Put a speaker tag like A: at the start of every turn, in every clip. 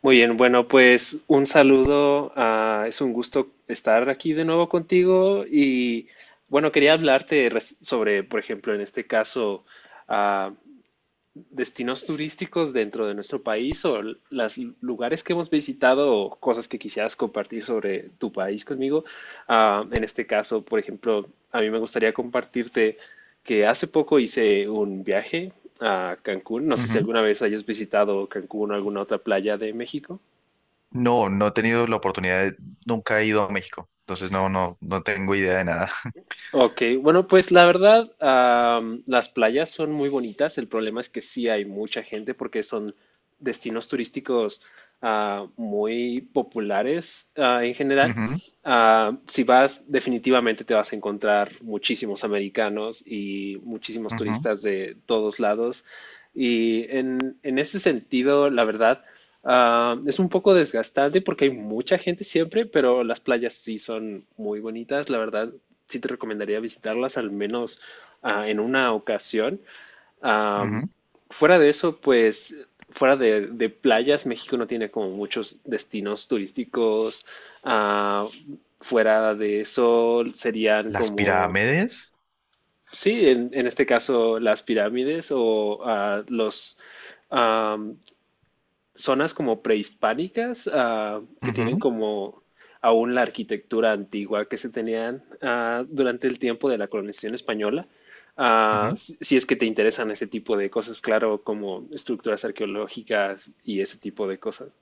A: Muy bien, bueno, pues un saludo. Es un gusto estar aquí de nuevo contigo y bueno, quería hablarte sobre, por ejemplo, en este caso, ah, destinos turísticos dentro de nuestro país o los lugares que hemos visitado o cosas que quisieras compartir sobre tu país conmigo. En este caso, por ejemplo, a mí me gustaría compartirte que hace poco hice un viaje a Cancún. No sé si
B: Ujú.
A: alguna vez hayas visitado Cancún o alguna otra playa de México.
B: No, no he tenido la oportunidad Nunca he ido a México, entonces no, no, no tengo idea de nada.
A: Ok, bueno, pues la verdad, las playas son muy bonitas. El problema es que sí hay mucha gente porque son destinos turísticos muy populares en general.
B: Ujú,
A: Si vas, definitivamente te vas a encontrar muchísimos americanos y muchísimos
B: ujú,
A: turistas de todos lados. Y en ese sentido, la verdad, es un poco desgastante porque hay mucha gente siempre, pero las playas sí son muy bonitas, la verdad sí te recomendaría visitarlas al menos en una ocasión. Am,
B: ujú.
A: Fuera de eso, pues fuera de playas, México no tiene como muchos destinos turísticos. Ah, Fuera de eso serían
B: Las
A: como,
B: pirámides.
A: sí, en este caso las pirámides o am, zonas como prehispánicas que tienen
B: Ujú,
A: como aún la arquitectura antigua que se tenían durante el tiempo de la colonización española. Ah,
B: ujú.
A: si es que te interesan ese tipo de cosas, claro, como estructuras arqueológicas y ese tipo de cosas.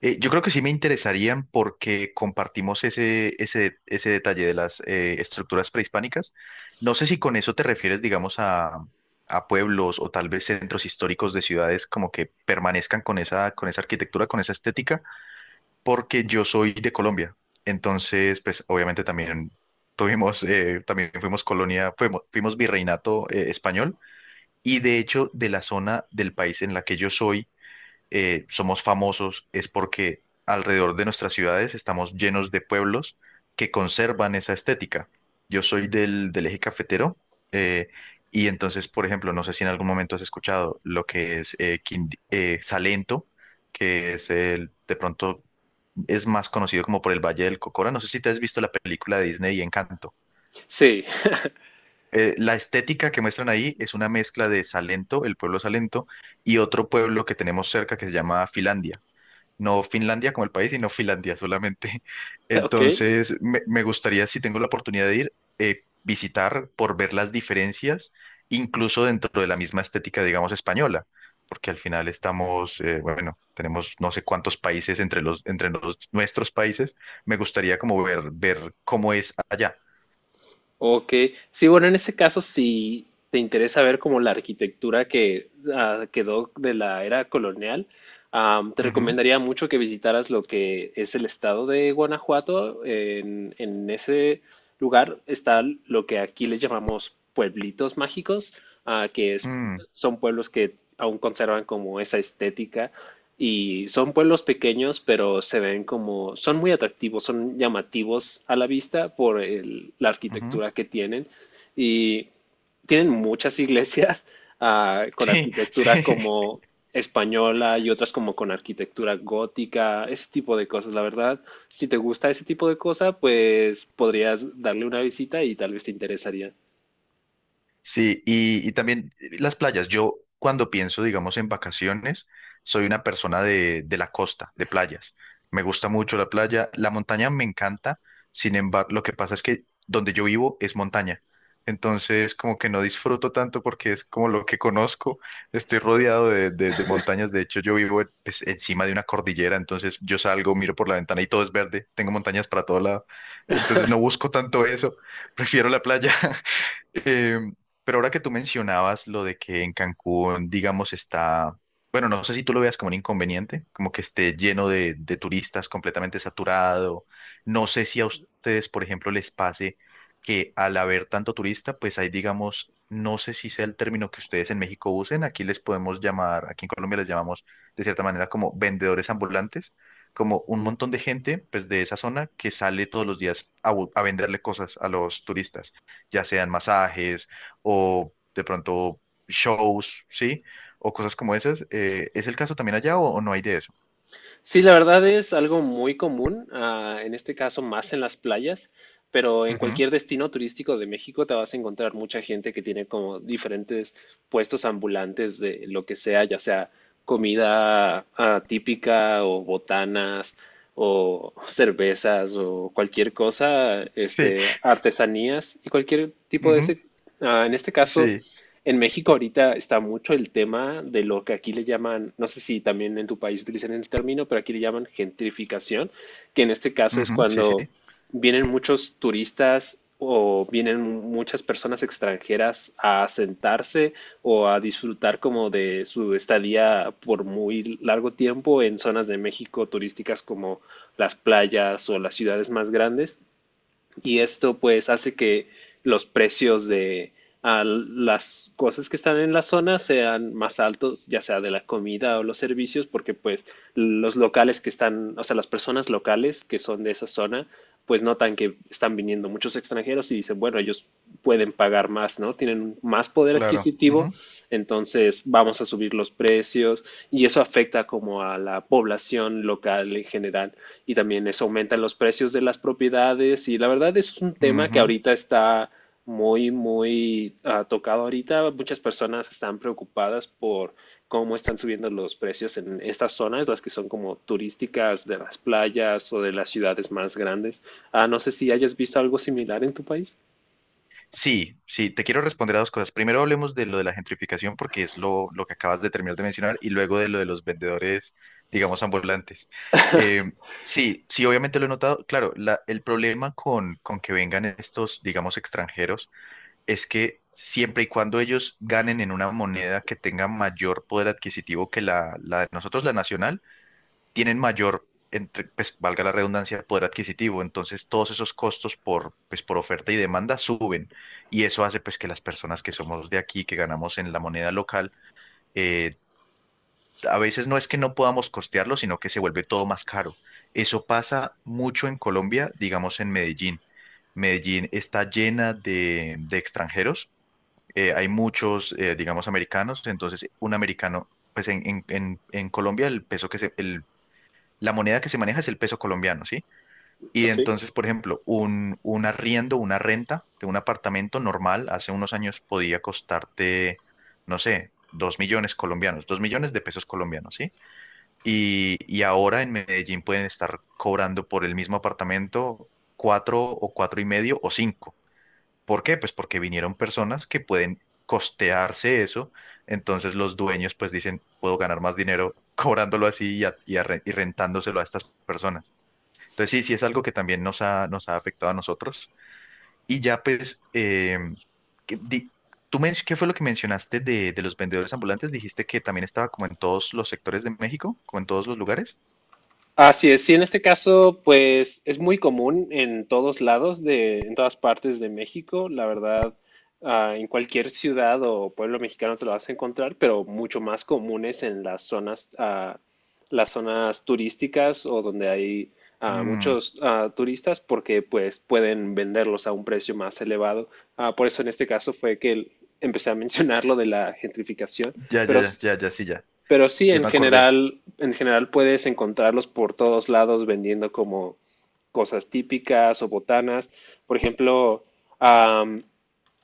B: Yo creo que sí me interesarían porque compartimos ese detalle de las estructuras prehispánicas. No sé si con eso te refieres, digamos, a, pueblos o tal vez centros históricos de ciudades como que permanezcan con esa arquitectura, con esa estética porque yo soy de Colombia. Entonces, pues obviamente también tuvimos, también fuimos colonia, fuimos virreinato español y de hecho de la zona del país en la que yo soy, somos famosos es porque alrededor de nuestras ciudades estamos llenos de pueblos que conservan esa estética. Yo soy del eje cafetero eh, y entonces, por ejemplo, no sé si en algún momento has escuchado lo que es Salento, que es el, de pronto es más conocido como por el Valle del Cocora. No sé si te has visto la película de Disney y Encanto.
A: Sí,
B: La estética que muestran ahí es una mezcla de Salento, el pueblo Salento, y otro pueblo que tenemos cerca que se llama Filandia no Finlandia como el país, sino Finlandia solamente.
A: ok.
B: Entonces, me gustaría, si tengo la oportunidad de ir, visitar por ver las diferencias, incluso dentro de la misma estética, digamos, española, porque al final estamos, bueno, tenemos no sé cuántos países entre los, nuestros países. Me gustaría como ver cómo es allá.
A: Ok, sí, bueno, en ese caso, si te interesa ver como la arquitectura que quedó de la era colonial, te
B: Ujú,
A: recomendaría mucho que visitaras lo que es el estado de Guanajuato. En ese lugar está lo que aquí les llamamos pueblitos mágicos, ah, que es-
B: mm,
A: son pueblos que aún conservan como esa estética y son pueblos pequeños, pero se ven como, son muy atractivos, son llamativos a la vista por la
B: ujú.
A: arquitectura que tienen. Y tienen muchas iglesias con
B: Sí,
A: arquitectura
B: sí.
A: como española y otras como con arquitectura gótica, ese tipo de cosas. La verdad, si te gusta ese tipo de cosa, pues podrías darle una visita y tal vez te interesaría.
B: Sí, y también las playas. Yo cuando pienso, digamos, en vacaciones, soy una persona de la costa, de playas. Me gusta mucho la playa. La montaña me encanta. Sin embargo, lo que pasa es que donde yo vivo es montaña. Entonces, como que no disfruto tanto porque es como lo que conozco. Estoy rodeado de montañas. De hecho, yo vivo pues, encima de una cordillera. Entonces, yo salgo, miro por la ventana y todo es verde. Tengo montañas para todo lado. Entonces, no busco tanto eso. Prefiero la playa. Eh, pero ahora que tú mencionabas lo de que en Cancún, digamos, está, bueno, no sé si tú lo veas como un inconveniente, como que esté lleno de turistas, completamente saturado. No sé si a ustedes, por ejemplo, les pase que al haber tanto turista, pues hay, digamos, no sé si sea el término que ustedes en México usen, aquí les podemos llamar, aquí en Colombia les llamamos de cierta manera como vendedores ambulantes, como un montón de gente, pues de esa zona que sale todos los días a venderle cosas a los turistas ya sean masajes o de pronto shows, ¿sí? O cosas como esas. ¿Es el caso también allá o no hay de eso?
A: Sí, la verdad es algo muy común, en este caso más en las playas, pero en
B: Ujú,
A: cualquier destino turístico de México te vas a encontrar mucha gente que tiene como diferentes puestos ambulantes de lo que sea, ya sea comida típica o botanas o cervezas o cualquier cosa,
B: sí,
A: este, artesanías y cualquier tipo de
B: ujú,
A: ese. En este caso,
B: sí,
A: en México ahorita está mucho el tema de lo que aquí le llaman, no sé si también en tu país utilizan el término, pero aquí le llaman gentrificación, que en este caso es
B: ujú, sí, sí,
A: cuando vienen muchos turistas o vienen muchas personas extranjeras a asentarse o a disfrutar como de su estadía por muy largo tiempo en zonas de México turísticas como las playas o las ciudades más grandes y esto pues hace que los precios de las cosas que están en la zona sean más altos, ya sea de la comida o los servicios, porque pues los locales que están, o sea, las personas locales que son de esa zona, pues notan que están viniendo muchos extranjeros y dicen, bueno, ellos pueden pagar más, ¿no? Tienen más poder
B: claro.
A: adquisitivo,
B: Ujú,
A: entonces vamos a subir los precios y eso afecta como a la población local en general y también eso aumenta los precios de las propiedades y la verdad es un tema que
B: ujú.
A: ahorita está muy, muy tocado ahorita. Muchas personas están preocupadas por cómo están subiendo los precios en estas zonas, las que son como turísticas de las playas o de las ciudades más grandes. Ah, no sé si hayas visto algo similar en tu país.
B: Sí, sí, te quiero responder a dos cosas. Primero hablemos de lo de la gentrificación porque es lo que acabas de terminar de mencionar y luego de lo de los vendedores, digamos, ambulantes. Eh, sí, sí, obviamente lo he notado. Claro, el problema con que vengan estos, digamos, extranjeros es que siempre y cuando ellos ganen en una moneda que tenga mayor poder adquisitivo que la de nosotros, la nacional, tienen mayor, entre, pues valga la redundancia, poder adquisitivo. Entonces todos esos costos por, pues, por oferta y demanda suben y eso hace pues que las personas que somos de aquí, que ganamos en la moneda local, eh, a veces no es que no podamos costearlo, sino que se vuelve todo más caro. Eso pasa mucho en Colombia, digamos en Medellín. Medellín está llena de extranjeros hay muchos, digamos, americanos, entonces un americano, pues en Colombia el peso la moneda que se maneja es el peso colombiano, ¿sí? Y
A: Ok.
B: entonces, por ejemplo, un arriendo, una renta de un apartamento normal hace unos años podía costarte, no sé, 2 millones colombianos, 2 millones de pesos colombianos, ¿sí? Y ahora en Medellín pueden estar cobrando por el mismo apartamento cuatro o cuatro y medio o cinco. ¿Por qué? Pues porque vinieron personas que pueden costearse eso. Entonces los dueños pues dicen, puedo ganar más dinero cobrándolo así y rentándoselo a estas personas. Entonces sí, sí es algo que también nos ha afectado a nosotros. Y ya pues, ¿qué, di- ¿qué fue lo que mencionaste de los vendedores ambulantes? Dijiste que también estaba como en todos los sectores de México, como en todos los lugares.
A: Así es, sí, en este caso, pues es muy común en todos lados en todas partes de México, la verdad, en cualquier ciudad o pueblo mexicano te lo vas a encontrar, pero mucho más comunes en las zonas, las zonas turísticas o donde hay
B: Mm,
A: muchos turistas, porque pues pueden venderlos a un precio más elevado. Por eso en este caso fue que empecé a mencionar lo de la gentrificación,
B: ya, ya,
A: pero
B: ya, ya, ya, sí, ya.
A: pero sí,
B: Ya me acordé.
A: en general puedes encontrarlos por todos lados vendiendo como cosas típicas o botanas. Por ejemplo, am,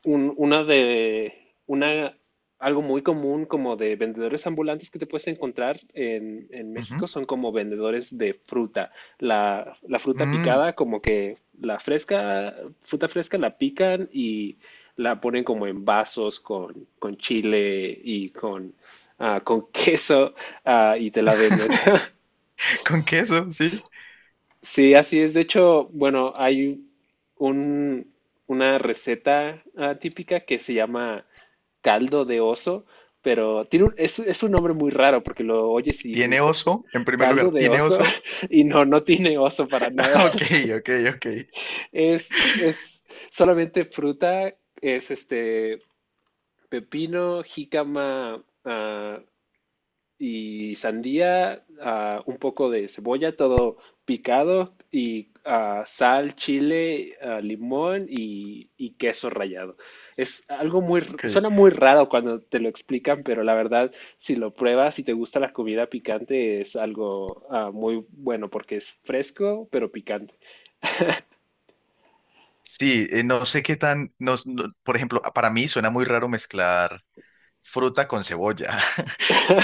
A: un- una de una algo muy común como de vendedores ambulantes que te puedes encontrar en
B: Ujú.
A: México son como vendedores de fruta. La fruta
B: Mm,
A: picada, como que la fresca, fruta fresca la pican y la ponen como en vasos con chile y con, con queso, y te la venden.
B: con queso, sí.
A: Sí, así es. De hecho, bueno, un, una receta típica que se llama caldo de oso, pero tiene es un nombre muy raro porque lo oyes y
B: ¿Tiene
A: dices
B: oso? En primer
A: caldo
B: lugar,
A: de
B: ¿tiene
A: oso
B: oso?
A: y no, no tiene oso para nada.
B: Ah, Ok, ok, ok,
A: Es solamente fruta, es este pepino, jícama, y sandía, un poco de cebolla, todo picado, y sal, chile, limón y queso rallado. Es algo
B: ok.
A: suena muy raro cuando te lo explican, pero la verdad, si lo pruebas, si te gusta la comida picante, es algo muy bueno porque es fresco, pero picante.
B: Sí, no sé qué tan, por ejemplo, para mí suena muy raro mezclar fruta con cebolla.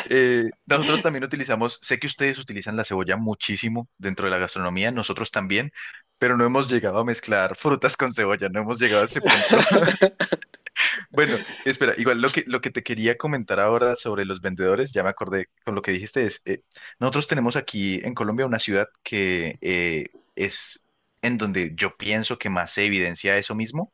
B: Nosotros también utilizamos, sé que ustedes utilizan la cebolla muchísimo dentro de la gastronomía, nosotros también, pero no hemos llegado a mezclar frutas con cebolla, no hemos llegado a ese punto. Bueno, espera, igual lo que te quería comentar ahora sobre los vendedores, ya me acordé con lo que dijiste, es, nosotros tenemos aquí en Colombia una ciudad que es en donde yo pienso que más se evidencia eso mismo,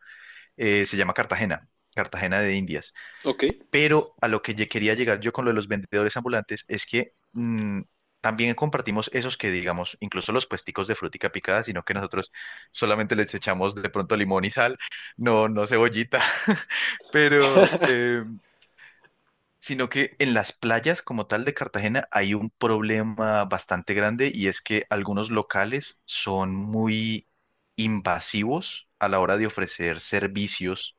B: se llama Cartagena, Cartagena de Indias.
A: Ok.
B: Pero a lo que quería llegar yo con lo de los vendedores ambulantes es que también compartimos esos que, digamos, incluso los puesticos de frutica picada, sino que nosotros solamente les echamos de pronto limón y sal, no, no cebollita, pero, sino que en las playas como tal de Cartagena hay un problema bastante grande y es que algunos locales son muy invasivos a la hora de ofrecer servicios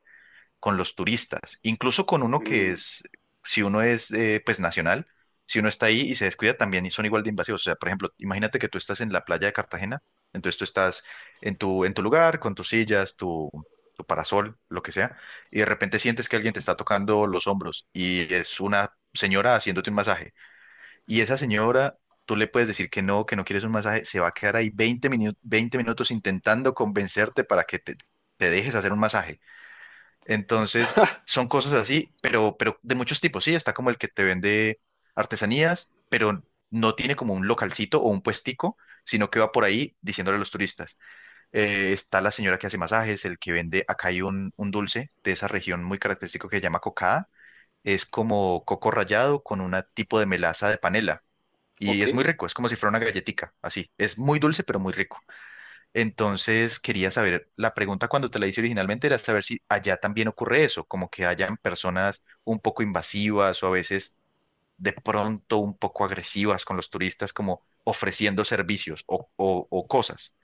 B: con los turistas, incluso con uno que
A: Mm,
B: es, si uno es pues nacional, si uno está ahí y se descuida también y son igual de invasivos. O sea, por ejemplo, imagínate que tú estás en la playa de Cartagena, entonces tú estás en tu lugar, con tus sillas, tu parasol, lo que sea, y de repente sientes que alguien te está tocando los hombros y es una señora haciéndote un masaje. Y esa señora... Tú le puedes decir que no quieres un masaje, se va a quedar ahí 20 minutos intentando convencerte para que te dejes hacer un masaje. Entonces, son cosas así, pero de muchos tipos, sí, está como el que te vende artesanías, pero no tiene como un localcito o un puestico, sino que va por ahí diciéndole a los turistas. Está la señora que hace masajes, el que vende, acá hay un dulce de esa región muy característico que se llama cocada, es como coco rallado con un tipo de melaza de panela, y
A: ok.
B: es muy rico, es como si fuera una galletica, así, es muy dulce, pero muy rico. Entonces quería saber, la pregunta cuando te la hice originalmente era saber si allá también ocurre eso, como que hayan personas un poco invasivas o a veces de pronto un poco agresivas con los turistas, como ofreciendo servicios o cosas.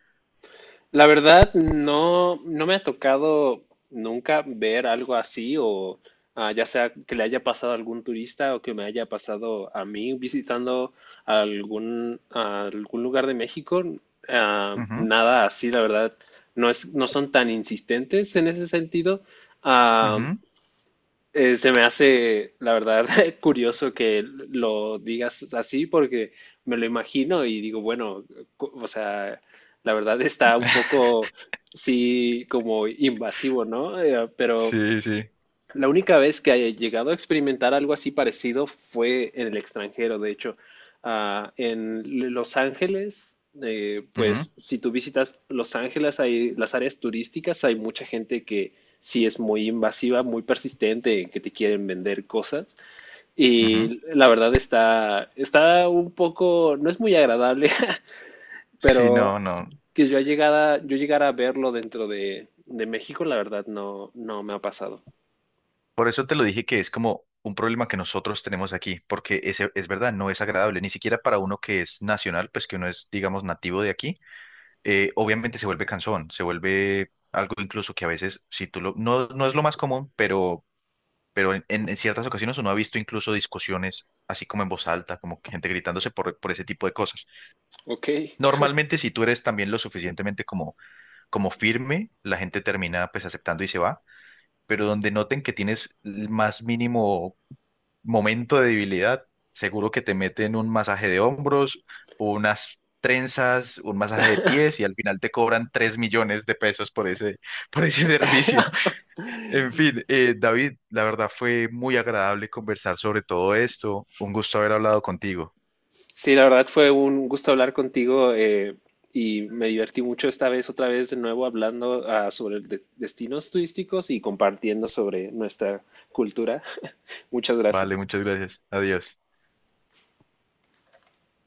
A: La verdad, no, no me ha tocado nunca ver algo así o ya sea que le haya pasado a algún turista o que me haya pasado a mí visitando algún lugar de México. Ah, nada así, la verdad, no son tan insistentes en ese sentido.
B: Ujú,
A: Ah,
B: ujú.
A: se me hace, la verdad, curioso que lo digas así porque me lo imagino y digo, bueno, o sea, la verdad está un poco, sí, como invasivo, ¿no? Pero
B: Sí, sí.
A: la única vez que haya llegado a experimentar algo así parecido fue en el extranjero, de hecho, ah, en Los Ángeles,
B: Ujú,
A: pues si tú visitas Los Ángeles, hay las áreas turísticas, hay mucha gente que sí es muy invasiva, muy persistente, en que te quieren vender cosas
B: ujú.
A: y la verdad está un poco, no es muy agradable,
B: Sí,
A: pero
B: no, no.
A: que yo llegara a verlo dentro de México, la verdad no, no me ha pasado.
B: Por eso te lo dije que es como un problema que nosotros tenemos aquí, porque ese, es verdad, no es agradable, ni siquiera para uno que es nacional, pues que uno es, digamos, nativo de aquí obviamente se vuelve cansón, se vuelve algo incluso que a veces, no, no es lo más común, pero en ciertas ocasiones uno ha visto incluso discusiones así como en voz alta, como que gente gritándose por, ese tipo de cosas.
A: Ok.
B: Normalmente si tú eres también lo suficientemente como firme, la gente termina pues aceptando y se va, pero donde noten que tienes el más mínimo momento de debilidad, seguro que te meten un masaje de hombros, unas trenzas, un masaje de pies y al final te cobran 3 millones de pesos por ese, por ese servicio. En fin, David, la verdad fue muy agradable conversar sobre todo esto. Un gusto haber hablado contigo.
A: Sí, la verdad fue un gusto hablar contigo y me divertí mucho esta vez, otra vez de nuevo hablando sobre destinos turísticos y compartiendo sobre nuestra cultura. Muchas
B: Vale,
A: gracias.
B: muchas gracias. Adiós.